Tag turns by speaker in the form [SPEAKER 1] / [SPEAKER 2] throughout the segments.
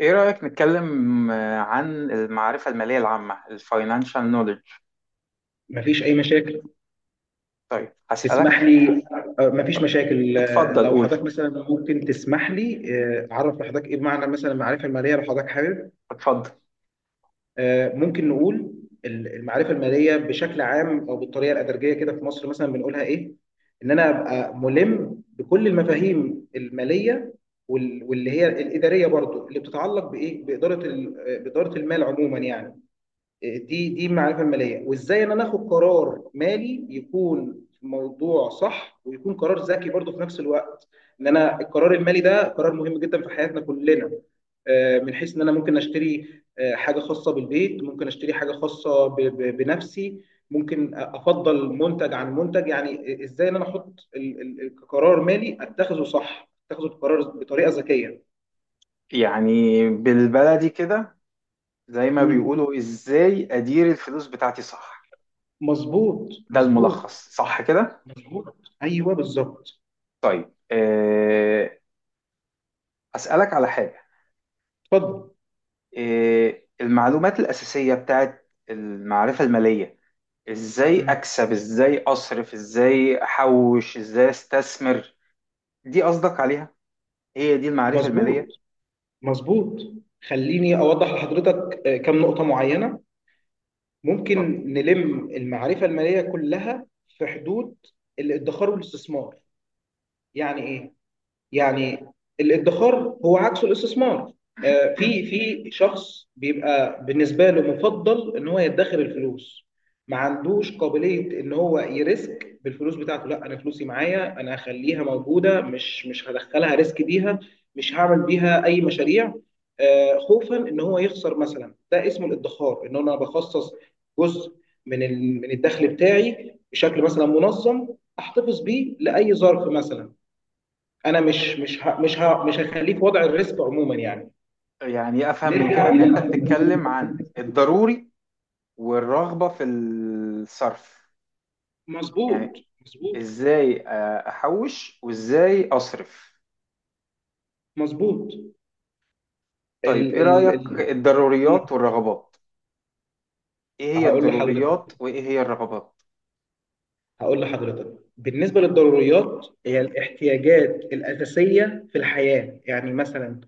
[SPEAKER 1] ايه رأيك نتكلم عن المعرفة المالية العامة الفاينانشال نوليدج؟
[SPEAKER 2] مفيش أي مشاكل.
[SPEAKER 1] طيب هسألك.
[SPEAKER 2] تسمح لي. مفيش مشاكل.
[SPEAKER 1] اتفضل
[SPEAKER 2] لو
[SPEAKER 1] قول
[SPEAKER 2] حضرتك مثلا ممكن تسمح لي. أعرف لحضرتك إيه معنى مثلا المعرفة المالية لو حضرتك حابب.
[SPEAKER 1] اتفضل.
[SPEAKER 2] ممكن نقول المعرفة المالية بشكل عام أو بالطريقة الأدرجية كده في مصر مثلا بنقولها إيه؟ إن أنا أبقى ملم بكل المفاهيم المالية، واللي هي الإدارية برضو اللي بتتعلق بإيه؟ بإدارة ال- آه، بإدارة المال عموما يعني. دي دي المعرفه الماليه، وازاي ان انا اخد قرار مالي يكون في موضوع صح ويكون قرار ذكي برضه في نفس الوقت. ان انا القرار المالي ده قرار مهم جدا في حياتنا كلنا. من حيث ان انا ممكن اشتري حاجه خاصه بالبيت، ممكن اشتري حاجه خاصه بنفسي، ممكن افضل منتج عن منتج. يعني ازاي ان انا احط كقرار مالي اتخذه صح، اتخذه بقرار بطريقه ذكيه.
[SPEAKER 1] يعني بالبلدي كده زي ما
[SPEAKER 2] مم.
[SPEAKER 1] بيقولوا، ازاي ادير الفلوس بتاعتي صح؟
[SPEAKER 2] مظبوط،
[SPEAKER 1] ده
[SPEAKER 2] مظبوط.
[SPEAKER 1] الملخص صح كده؟
[SPEAKER 2] مظبوط. ايوه، بالظبط.
[SPEAKER 1] طيب أه، هسألك على حاجة.
[SPEAKER 2] اتفضل.
[SPEAKER 1] أه، المعلومات الأساسية بتاعت المعرفة المالية، ازاي
[SPEAKER 2] مم.
[SPEAKER 1] اكسب، ازاي اصرف، ازاي احوش، ازاي استثمر، دي قصدك عليها؟ هي دي المعرفة المالية؟
[SPEAKER 2] مظبوط، مظبوط. خليني اوضح لحضرتك كم نقطه معينه.
[SPEAKER 1] فقط.
[SPEAKER 2] ممكن نلم المعرفه الماليه كلها في حدود الادخار والاستثمار. يعني ايه؟ يعني الادخار هو عكس الاستثمار. في شخص بيبقى بالنسبه له مفضل ان هو يدخر الفلوس، ما عندوش قابليه ان هو يريسك بالفلوس بتاعته. لا، انا فلوسي معايا، انا هخليها موجوده، مش هدخلها ريسك بيها، مش هعمل بيها اي مشاريع، خوفا ان هو يخسر مثلا. ده اسمه الادخار، ان انا بخصص جزء من الدخل بتاعي بشكل مثلا منظم، احتفظ بيه لاي ظرف مثلا. انا مش هخليه في وضع الريسك عموما يعني.
[SPEAKER 1] يعني أفهم من كده
[SPEAKER 2] نرجع.
[SPEAKER 1] إن أنت بتتكلم عن الضروري والرغبة في الصرف، يعني
[SPEAKER 2] مظبوط، مظبوط،
[SPEAKER 1] إزاي أحوش وإزاي أصرف.
[SPEAKER 2] مظبوط. ال
[SPEAKER 1] طيب إيه
[SPEAKER 2] ال
[SPEAKER 1] رأيك،
[SPEAKER 2] ال
[SPEAKER 1] الضروريات
[SPEAKER 2] مم.
[SPEAKER 1] والرغبات؟ إيه هي
[SPEAKER 2] هقول لحضرتك
[SPEAKER 1] الضروريات وإيه هي الرغبات؟
[SPEAKER 2] هقول لحضرتك بالنسبة للضروريات، هي الاحتياجات الأساسية في الحياة، يعني مثلا،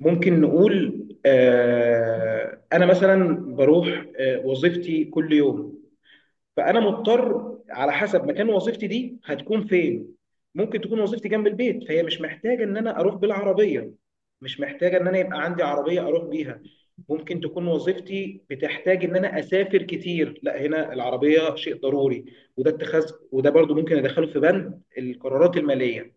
[SPEAKER 2] ممكن نقول. أنا مثلا بروح وظيفتي كل يوم، فانا مضطر على حسب مكان وظيفتي دي هتكون فين. ممكن تكون وظيفتي جنب البيت، فهي مش محتاجه ان انا اروح بالعربيه، مش محتاجه ان انا يبقى عندي عربيه اروح بيها. ممكن تكون وظيفتي بتحتاج ان انا اسافر كتير، لا هنا العربيه شيء ضروري، وده اتخاذ وده برضو ممكن ادخله في بند القرارات الماليه،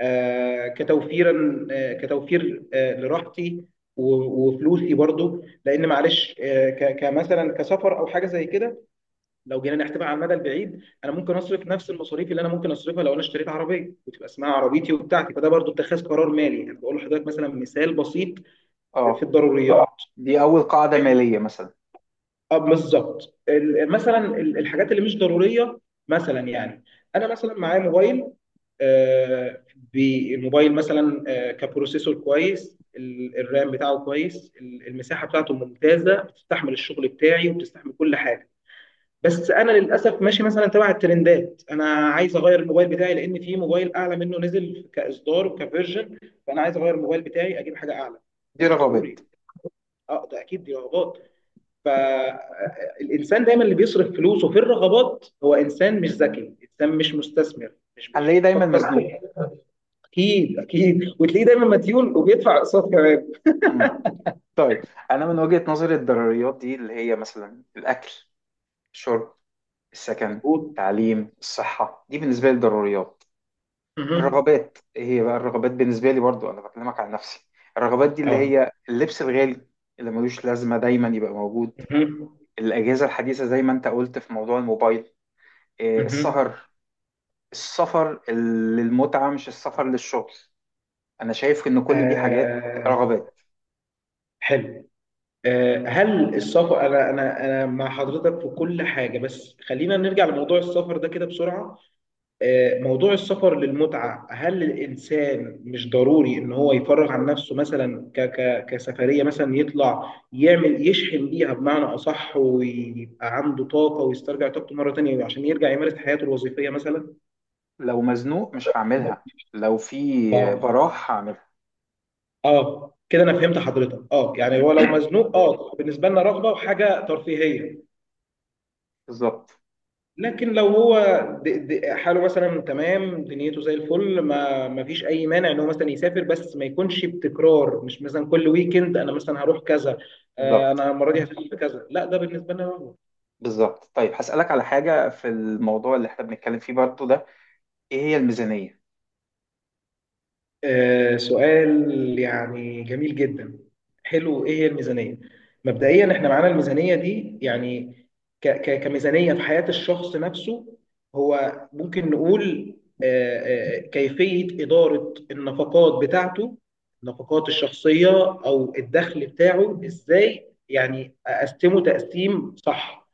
[SPEAKER 2] كتوفير لراحتي و- وفلوسي برضو، لان معلش كمثلا كسفر او حاجه زي كده. لو جينا نحسبها على المدى البعيد، انا ممكن اصرف نفس المصاريف اللي انا ممكن اصرفها لو انا اشتريت عربيه وتبقى اسمها عربيتي وبتاعتي، فده برضو اتخاذ قرار مالي. انا بقول لحضرتك مثلا مثال بسيط في
[SPEAKER 1] آه.
[SPEAKER 2] الضروريات.
[SPEAKER 1] دي أول قاعدة مالية مثلا؟
[SPEAKER 2] اه، بالظبط، الحاجات اللي مش ضروريه مثلا يعني، انا مثلا معايا موبايل. آه، بالموبايل مثلا كبروسيسور كويس، الرام بتاعه كويس، المساحه بتاعته ممتازه، بتستحمل الشغل بتاعي وبتستحمل كل حاجه، بس انا للاسف ماشي مثلا تبع الترندات. انا عايز اغير الموبايل بتاعي لان في موبايل اعلى منه نزل كاصدار وكفيرجن، فانا عايز اغير الموبايل بتاعي، اجيب حاجه اعلى.
[SPEAKER 1] دي
[SPEAKER 2] ده مش
[SPEAKER 1] رغبات.
[SPEAKER 2] ضروري، اه، ده اكيد دي رغبات. فالانسان دايما اللي بيصرف فلوسه في الرغبات هو انسان مش ذكي، انسان مش مستثمر، مش
[SPEAKER 1] هنلاقيه دايما
[SPEAKER 2] بيفكر
[SPEAKER 1] مزنوق.
[SPEAKER 2] ب- اكيد، اكيد، وتلاقيه دايما مديون وبيدفع اقساط كمان.
[SPEAKER 1] مم. طيب، أنا من وجهة نظري الضروريات دي اللي هي مثلا الأكل، الشرب، السكن،
[SPEAKER 2] مظبوط.
[SPEAKER 1] التعليم، الصحة، دي بالنسبة لي ضروريات.
[SPEAKER 2] مهم.
[SPEAKER 1] الرغبات إيه هي بقى؟ الرغبات بالنسبة لي، برضو أنا بكلمك عن نفسي، الرغبات دي اللي
[SPEAKER 2] اه.
[SPEAKER 1] هي اللبس الغالي اللي ملوش لازمة دايما يبقى موجود،
[SPEAKER 2] مهم.
[SPEAKER 1] الأجهزة الحديثة زي ما أنت قلت في موضوع الموبايل، إيه،
[SPEAKER 2] مهم.
[SPEAKER 1] السهر، السفر للمتعة مش السفر للشغل. أنا شايف إن كل دي حاجات
[SPEAKER 2] آه،
[SPEAKER 1] رغبات.
[SPEAKER 2] حلو. هل السفر انا انا انا مع حضرتك في كل حاجه، بس خلينا نرجع لموضوع السفر ده كده بسرعه. موضوع السفر للمتعه، هل الانسان مش ضروري ان هو يفرغ عن نفسه مثلا ك ك كسفريه مثلا يطلع يعمل، يشحن بيها بمعنى اصح، ويبقى عنده طاقه ويسترجع طاقته مره تانية عشان يرجع يمارس حياته الوظيفيه مثلا؟
[SPEAKER 1] لو مزنوق مش هعملها، لو في
[SPEAKER 2] اه.
[SPEAKER 1] براح هعملها.
[SPEAKER 2] اه، كده انا فهمت حضرتك. اه، يعني هو لو مزنوق، اه، بالنسبه لنا رغبه وحاجه ترفيهيه.
[SPEAKER 1] بالظبط.
[SPEAKER 2] لكن لو هو حاله مثلا تمام، دنيته زي الفل، ما فيش اي مانع ان هو مثلا يسافر، بس ما يكونش بتكرار مش مثلا كل ويكند انا مثلا هروح كذا.
[SPEAKER 1] بالظبط.
[SPEAKER 2] انا المره دي هسافر كذا، لا ده بالنسبه لنا.
[SPEAKER 1] بالظبط. طيب هسألك على حاجة في الموضوع اللي احنا بنتكلم فيه برضو ده. ايه هي الميزانية؟
[SPEAKER 2] سؤال يعني جميل جدا. حلو، ايه هي الميزانية. مبدئيا احنا معانا الميزانية دي يعني ك ك كميزانية في حياة الشخص نفسه، هو ممكن نقول آه، كيفية إدارة النفقات بتاعته، النفقات الشخصية، او الدخل بتاعه ازاي يعني اقسمه تقسيم صح.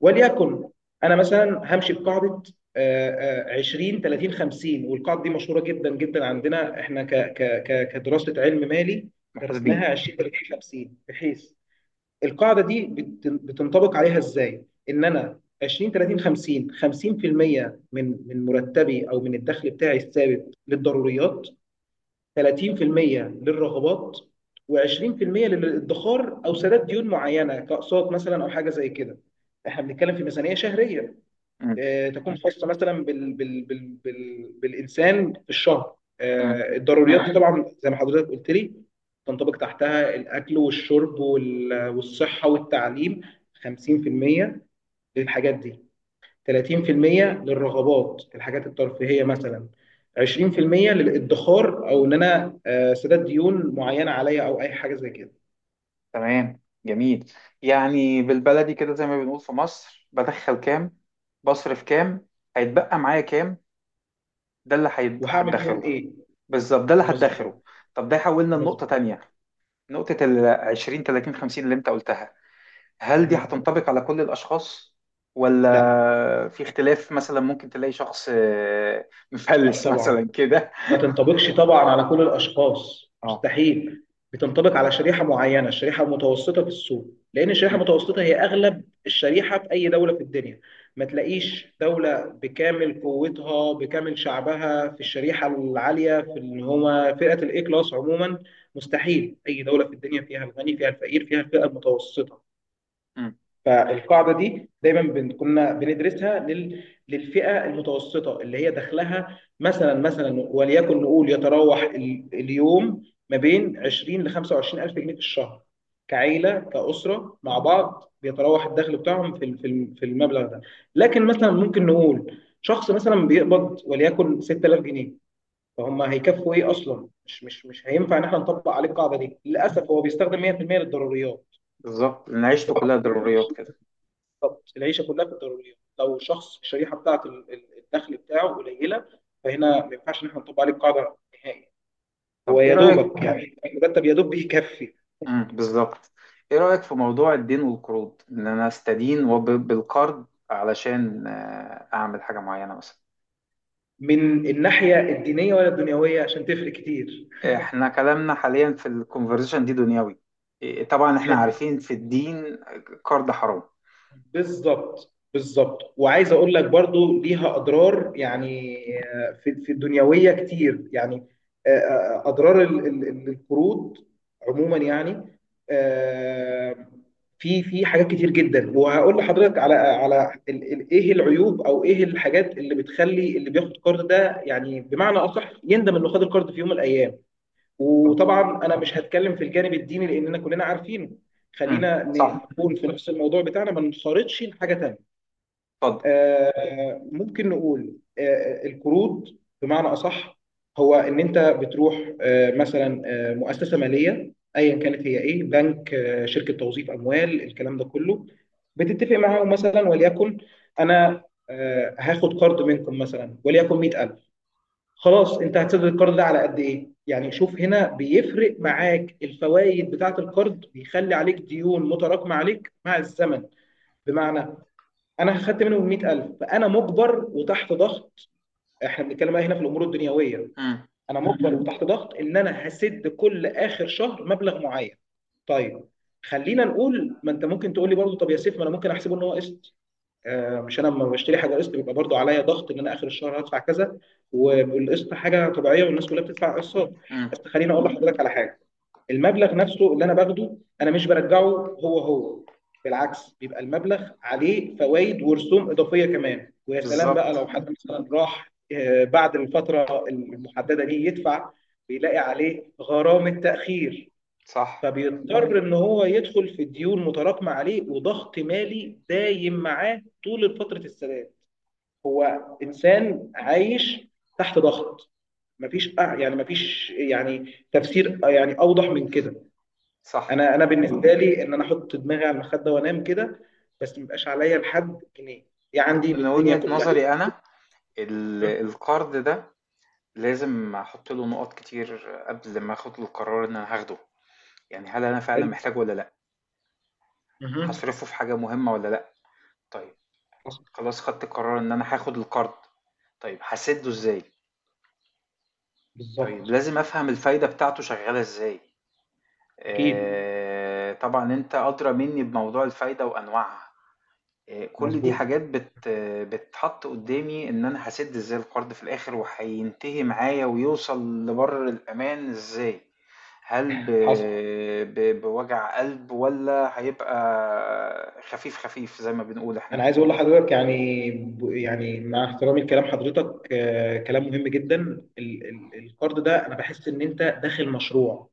[SPEAKER 2] وليكن انا مثلا همشي بقاعده آه، 20 30 50. والقاعده دي مشهوره جدا جدا عندنا احنا ك ك ك كدراسه علم مالي
[SPEAKER 1] محاسبين.
[SPEAKER 2] درسناها، 20 30 50، بحيث القاعده دي بتنطبق عليها ازاي؟ ان انا 20 30 50، 50% من مرتبي او من الدخل بتاعي الثابت للضروريات، 30% للرغبات، و20% للادخار او سداد ديون معينه كاقساط مثلا او حاجه زي كده. احنا بنتكلم في ميزانيه شهريه،
[SPEAKER 1] مم.
[SPEAKER 2] تكون خاصه مثلا بالانسان في الشهر.
[SPEAKER 1] مم.
[SPEAKER 2] الضروريات دي طبعا زي ما حضرتك قلت لي، تنطبق تحتها الاكل والشرب والصحه والتعليم. 50% للحاجات دي، 30% للرغبات الحاجات الترفيهيه مثلا، 20% للادخار او ان انا سداد ديون معينه عليا او اي حاجه زي كده.
[SPEAKER 1] تمام، جميل. يعني بالبلدي كده زي ما بنقول في مصر، بدخل كام، بصرف كام، هيتبقى معايا كام، ده اللي
[SPEAKER 2] وهعمل بيهم
[SPEAKER 1] هدخره.
[SPEAKER 2] ايه.
[SPEAKER 1] بالظبط، ده اللي
[SPEAKER 2] مظبوط،
[SPEAKER 1] هدخره. طب ده يحولنا لنقطة
[SPEAKER 2] مظبوط.
[SPEAKER 1] تانية، نقطة ال 20 30 50 اللي انت قلتها. هل دي
[SPEAKER 2] مهم.
[SPEAKER 1] هتنطبق على كل الأشخاص
[SPEAKER 2] لا،
[SPEAKER 1] ولا في اختلاف؟ مثلا ممكن تلاقي شخص
[SPEAKER 2] لا
[SPEAKER 1] مفلس
[SPEAKER 2] طبعا،
[SPEAKER 1] مثلا كده.
[SPEAKER 2] ما تنطبقش طبعا على كل الاشخاص
[SPEAKER 1] اه.
[SPEAKER 2] مستحيل. بتنطبق على شريحه معينه، الشريحه المتوسطه في السوق، لان الشريحه
[SPEAKER 1] مم.
[SPEAKER 2] المتوسطه هي اغلب الشريحه في اي دوله في الدنيا. ما تلاقيش دوله بكامل قوتها بكامل شعبها في الشريحه العاليه في اللي هو فئه الاي كلاس عموما. مستحيل، اي دوله في الدنيا فيها الغني فيها الفقير فيها الفئه المتوسطه.
[SPEAKER 1] مم.
[SPEAKER 2] فالقاعده دي دايما كنا بندرسها للفئه المتوسطه، اللي هي دخلها مثلا وليكن نقول يتراوح اليوم ما بين 20 ل 25 الف جنيه في الشهر. كعيله كاسره مع بعض بيتراوح الدخل بتاعهم في المبلغ ده. لكن مثلا ممكن نقول شخص مثلا بيقبض وليكن 6000 جنيه، فهم هيكفوا ايه اصلا؟ مش هينفع ان احنا نطبق عليه القاعده دي، للاسف هو بيستخدم 100% للضروريات.
[SPEAKER 1] بالظبط، لأن عيشته كلها ضروريات كده.
[SPEAKER 2] بالظبط، العيشه كلها في الضروريات. لو شخص الشريحه بتاعت الدخل بتاعه قليله، فهنا ما ينفعش ان احنا نطبق عليه القاعده نهائي.
[SPEAKER 1] طب
[SPEAKER 2] هو
[SPEAKER 1] إيه
[SPEAKER 2] يا دوبك
[SPEAKER 1] رأيك؟
[SPEAKER 2] يعني المرتب يا دوب بيكفي.
[SPEAKER 1] مم. بالظبط. إيه رأيك في موضوع الدين والقروض، إن أنا أستدين بالقرض علشان أعمل حاجة معينة مثلا؟
[SPEAKER 2] من الناحيه الدينيه ولا الدنيويه؟ عشان تفرق كتير.
[SPEAKER 1] إحنا كلامنا حاليا في الكونفرزيشن دي دنيوي، إيه، طبعا إحنا
[SPEAKER 2] حلو.
[SPEAKER 1] عارفين في الدين قرض حرام.
[SPEAKER 2] بالظبط، بالظبط، وعايز اقول لك برضو ليها اضرار يعني. في الدنيويه كتير يعني. اضرار القروض عموما يعني. آه، في حاجات كتير جدا. وهقول لحضرتك على ايه العيوب او ايه الحاجات اللي بتخلي اللي بياخد قرض ده، يعني بمعنى اصح يندم انه خد القرض في يوم من الايام.
[SPEAKER 1] اتفضل.
[SPEAKER 2] وطبعا انا مش هتكلم في الجانب الديني لاننا كلنا عارفينه.
[SPEAKER 1] مم.
[SPEAKER 2] خلينا
[SPEAKER 1] صح.
[SPEAKER 2] نكون في نفس الموضوع بتاعنا، ما نخرطش لحاجه تانيه.
[SPEAKER 1] اتفضل.
[SPEAKER 2] ممكن نقول القروض بمعنى اصح، هو ان انت بتروح آه، مثلا آه، مؤسسه ماليه ايا كانت، هي ايه، بنك، شركه توظيف اموال، الكلام ده كله. بتتفق معاهم مثلا وليكن انا هاخد قرض منكم مثلا وليكن 100000. خلاص انت هتسدد القرض ده على قد ايه يعني. شوف هنا بيفرق معاك الفوائد بتاعه القرض، بيخلي عليك ديون متراكمه عليك مع الزمن. بمعنى انا خدت منهم 100000، فانا مجبر وتحت ضغط. احنا بنتكلم بقى هنا في الامور الدنيويه.
[SPEAKER 1] مم.
[SPEAKER 2] انا مجبر وتحت ضغط ان انا هسد كل اخر شهر مبلغ معين. طيب خلينا نقول، ما انت ممكن تقول لي برضه طب يا سيف، ما انا ممكن احسبه ان هو قسط. مش انا لما بشتري حاجه قسط بيبقى برضو عليا ضغط ان انا اخر الشهر هدفع كذا، والقسط حاجه طبيعيه والناس كلها بتدفع قسط.
[SPEAKER 1] مم.
[SPEAKER 2] بس خليني اقول لحضرتك على حاجه، المبلغ نفسه اللي انا باخده انا مش برجعه. هو بالعكس بيبقى المبلغ عليه فوائد ورسوم اضافيه كمان. ويا سلام بقى
[SPEAKER 1] بالظبط.
[SPEAKER 2] لو حد مثلا راح بعد الفتره المحدده دي يدفع، بيلاقي عليه غرامه تاخير.
[SPEAKER 1] صح.
[SPEAKER 2] فبيضطر ان هو يدخل في ديون متراكمه عليه، وضغط مالي دايم معاه طول فتره السداد، انسان عايش تحت ضغط. مفيش يعني تفسير يعني اوضح من كده.
[SPEAKER 1] صح.
[SPEAKER 2] انا بالنسبه لي، ان انا احط دماغي على المخده وانام كده، بس ميبقاش عليا لحد جنيه، دي عندي
[SPEAKER 1] من
[SPEAKER 2] بالدنيا
[SPEAKER 1] وجهة
[SPEAKER 2] كلها.
[SPEAKER 1] نظري أنا، ال-
[SPEAKER 2] م?
[SPEAKER 1] القرض ده لازم احط له نقط كتير قبل ما اخد القرار ان انا هاخده. يعني هل انا فعلا
[SPEAKER 2] حلو.
[SPEAKER 1] محتاجه ولا لا؟
[SPEAKER 2] مهم.
[SPEAKER 1] هصرفه في حاجة مهمة ولا لا؟ طيب،
[SPEAKER 2] حصل.
[SPEAKER 1] خلاص خدت قرار ان انا هاخد القرض، طيب هسده ازاي؟ طيب
[SPEAKER 2] بالظبط.
[SPEAKER 1] لازم افهم الفايدة بتاعته شغالة ازاي.
[SPEAKER 2] اكيد.
[SPEAKER 1] آه طبعا انت ادرى مني بموضوع الفايدة وانواعها. كل دي
[SPEAKER 2] مظبوط.
[SPEAKER 1] حاجات بت آه، بتحط قدامي ان انا هسد ازاي القرض في الاخر، وهينتهي معايا ويوصل لبر الامان ازاي. هل
[SPEAKER 2] حصل.
[SPEAKER 1] بوجع قلب ولا هيبقى خفيف خفيف زي ما بنقول احنا؟
[SPEAKER 2] انا عايز اقول لحضرتك يعني يعني مع احترامي لكلام حضرتك، كلام مهم جدا. القرض ده انا بحس ان انت داخل مشروع،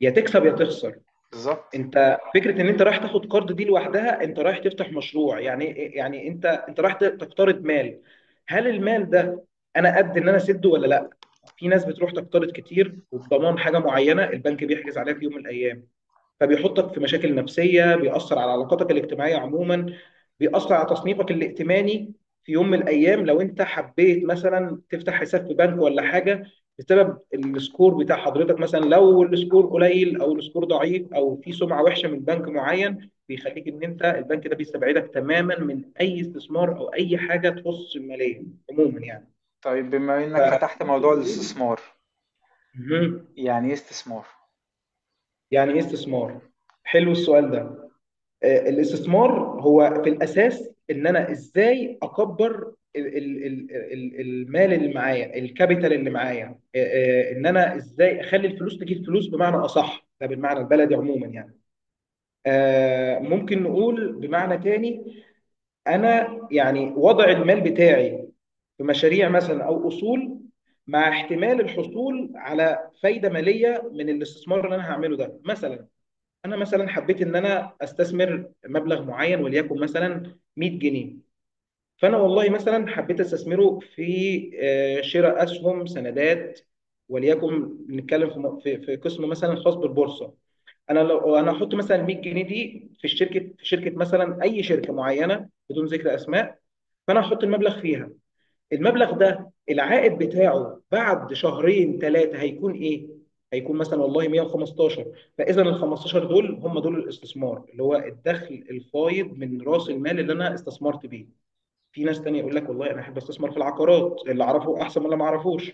[SPEAKER 2] يا تكسب يا تخسر.
[SPEAKER 1] بالظبط.
[SPEAKER 2] انت فكره ان انت رايح تاخد قرض دي لوحدها، انت رايح تفتح مشروع يعني إيه، يعني انت رايح تقترض مال. هل المال ده انا قد ان انا اسده ولا لا؟ في ناس بتروح تقترض كتير وبضمان حاجه معينه البنك بيحجز عليها في يوم من الايام، فبيحطك في مشاكل نفسية، بيأثر على علاقاتك الاجتماعية عموما، بيأثر على تصنيفك الائتماني. في يوم من الأيام لو أنت حبيت مثلا تفتح حساب في بنك ولا حاجة، بسبب السكور بتاع حضرتك، مثلا لو السكور قليل أو السكور ضعيف أو في سمعة وحشة من بنك معين، بيخليك إن أنت البنك ده بيستبعدك تماما من أي استثمار أو أي حاجة تخص المالية عموما يعني.
[SPEAKER 1] طيب بما انك فتحت
[SPEAKER 2] فممكن
[SPEAKER 1] موضوع
[SPEAKER 2] نقول.
[SPEAKER 1] الاستثمار،
[SPEAKER 2] مهم.
[SPEAKER 1] يعني ايه استثمار؟
[SPEAKER 2] يعني إيه استثمار؟ حلو السؤال ده. الاستثمار هو في الاساس ان انا ازاي اكبر المال اللي معايا، الكابيتال اللي معايا. ان انا ازاي اخلي الفلوس تجيب فلوس، بمعنى اصح ده بالمعنى البلدي عموما يعني. ممكن نقول بمعنى تاني، انا يعني وضع المال بتاعي في مشاريع مثلا او اصول، مع احتمال الحصول على فايده ماليه من الاستثمار اللي انا هعمله ده. مثلا انا مثلا حبيت ان انا استثمر مبلغ معين وليكن مثلا 100 جنيه، فانا والله مثلا حبيت استثمره في شراء اسهم سندات. وليكن نتكلم في م- في في قسم مثلا خاص بالبورصه. انا لو انا احط مثلا 100 جنيه دي في الشركه، في شركه مثلا، اي شركه معينه بدون ذكر اسماء، فانا احط المبلغ فيها، المبلغ ده العائد بتاعه بعد شهرين ثلاثه هيكون ايه؟ هيكون مثلا والله 115. فاذا ال 15 دول هم دول الاستثمار اللي هو الدخل الفايض من راس المال اللي انا استثمرت بيه. في ناس تانية يقول لك والله انا احب استثمر في العقارات، اللي اعرفه احسن من اللي ما اعرفوش.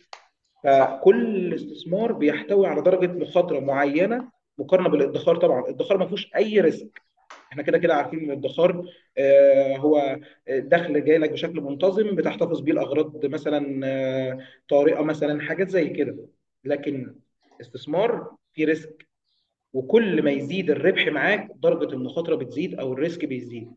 [SPEAKER 1] صح.
[SPEAKER 2] فكل استثمار بيحتوي على درجه مخاطره معينه مقارنه بالادخار طبعا. الادخار ما فيهوش اي ريسك، احنا كده كده عارفين ان الادخار هو دخل جاي لك بشكل منتظم بتحتفظ بيه الاغراض مثلا طارئه، مثلا حاجات زي كده. لكن استثمار فيه ريسك، وكل ما يزيد الربح معاك درجه المخاطره بتزيد او الريسك بيزيد.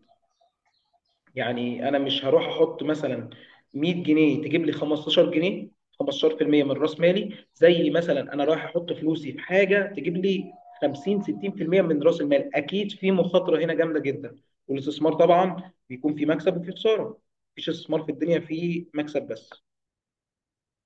[SPEAKER 2] يعني انا مش هروح احط مثلا 100 جنيه تجيب لي 15 جنيه، 15% من راس مالي، زي مثلا انا رايح احط فلوسي في حاجه تجيب لي 50 60% من راس المال. اكيد في مخاطره هنا جامده جدا. والاستثمار طبعا بيكون في مكسب وفي خساره، مفيش استثمار في الدنيا فيه مكسب بس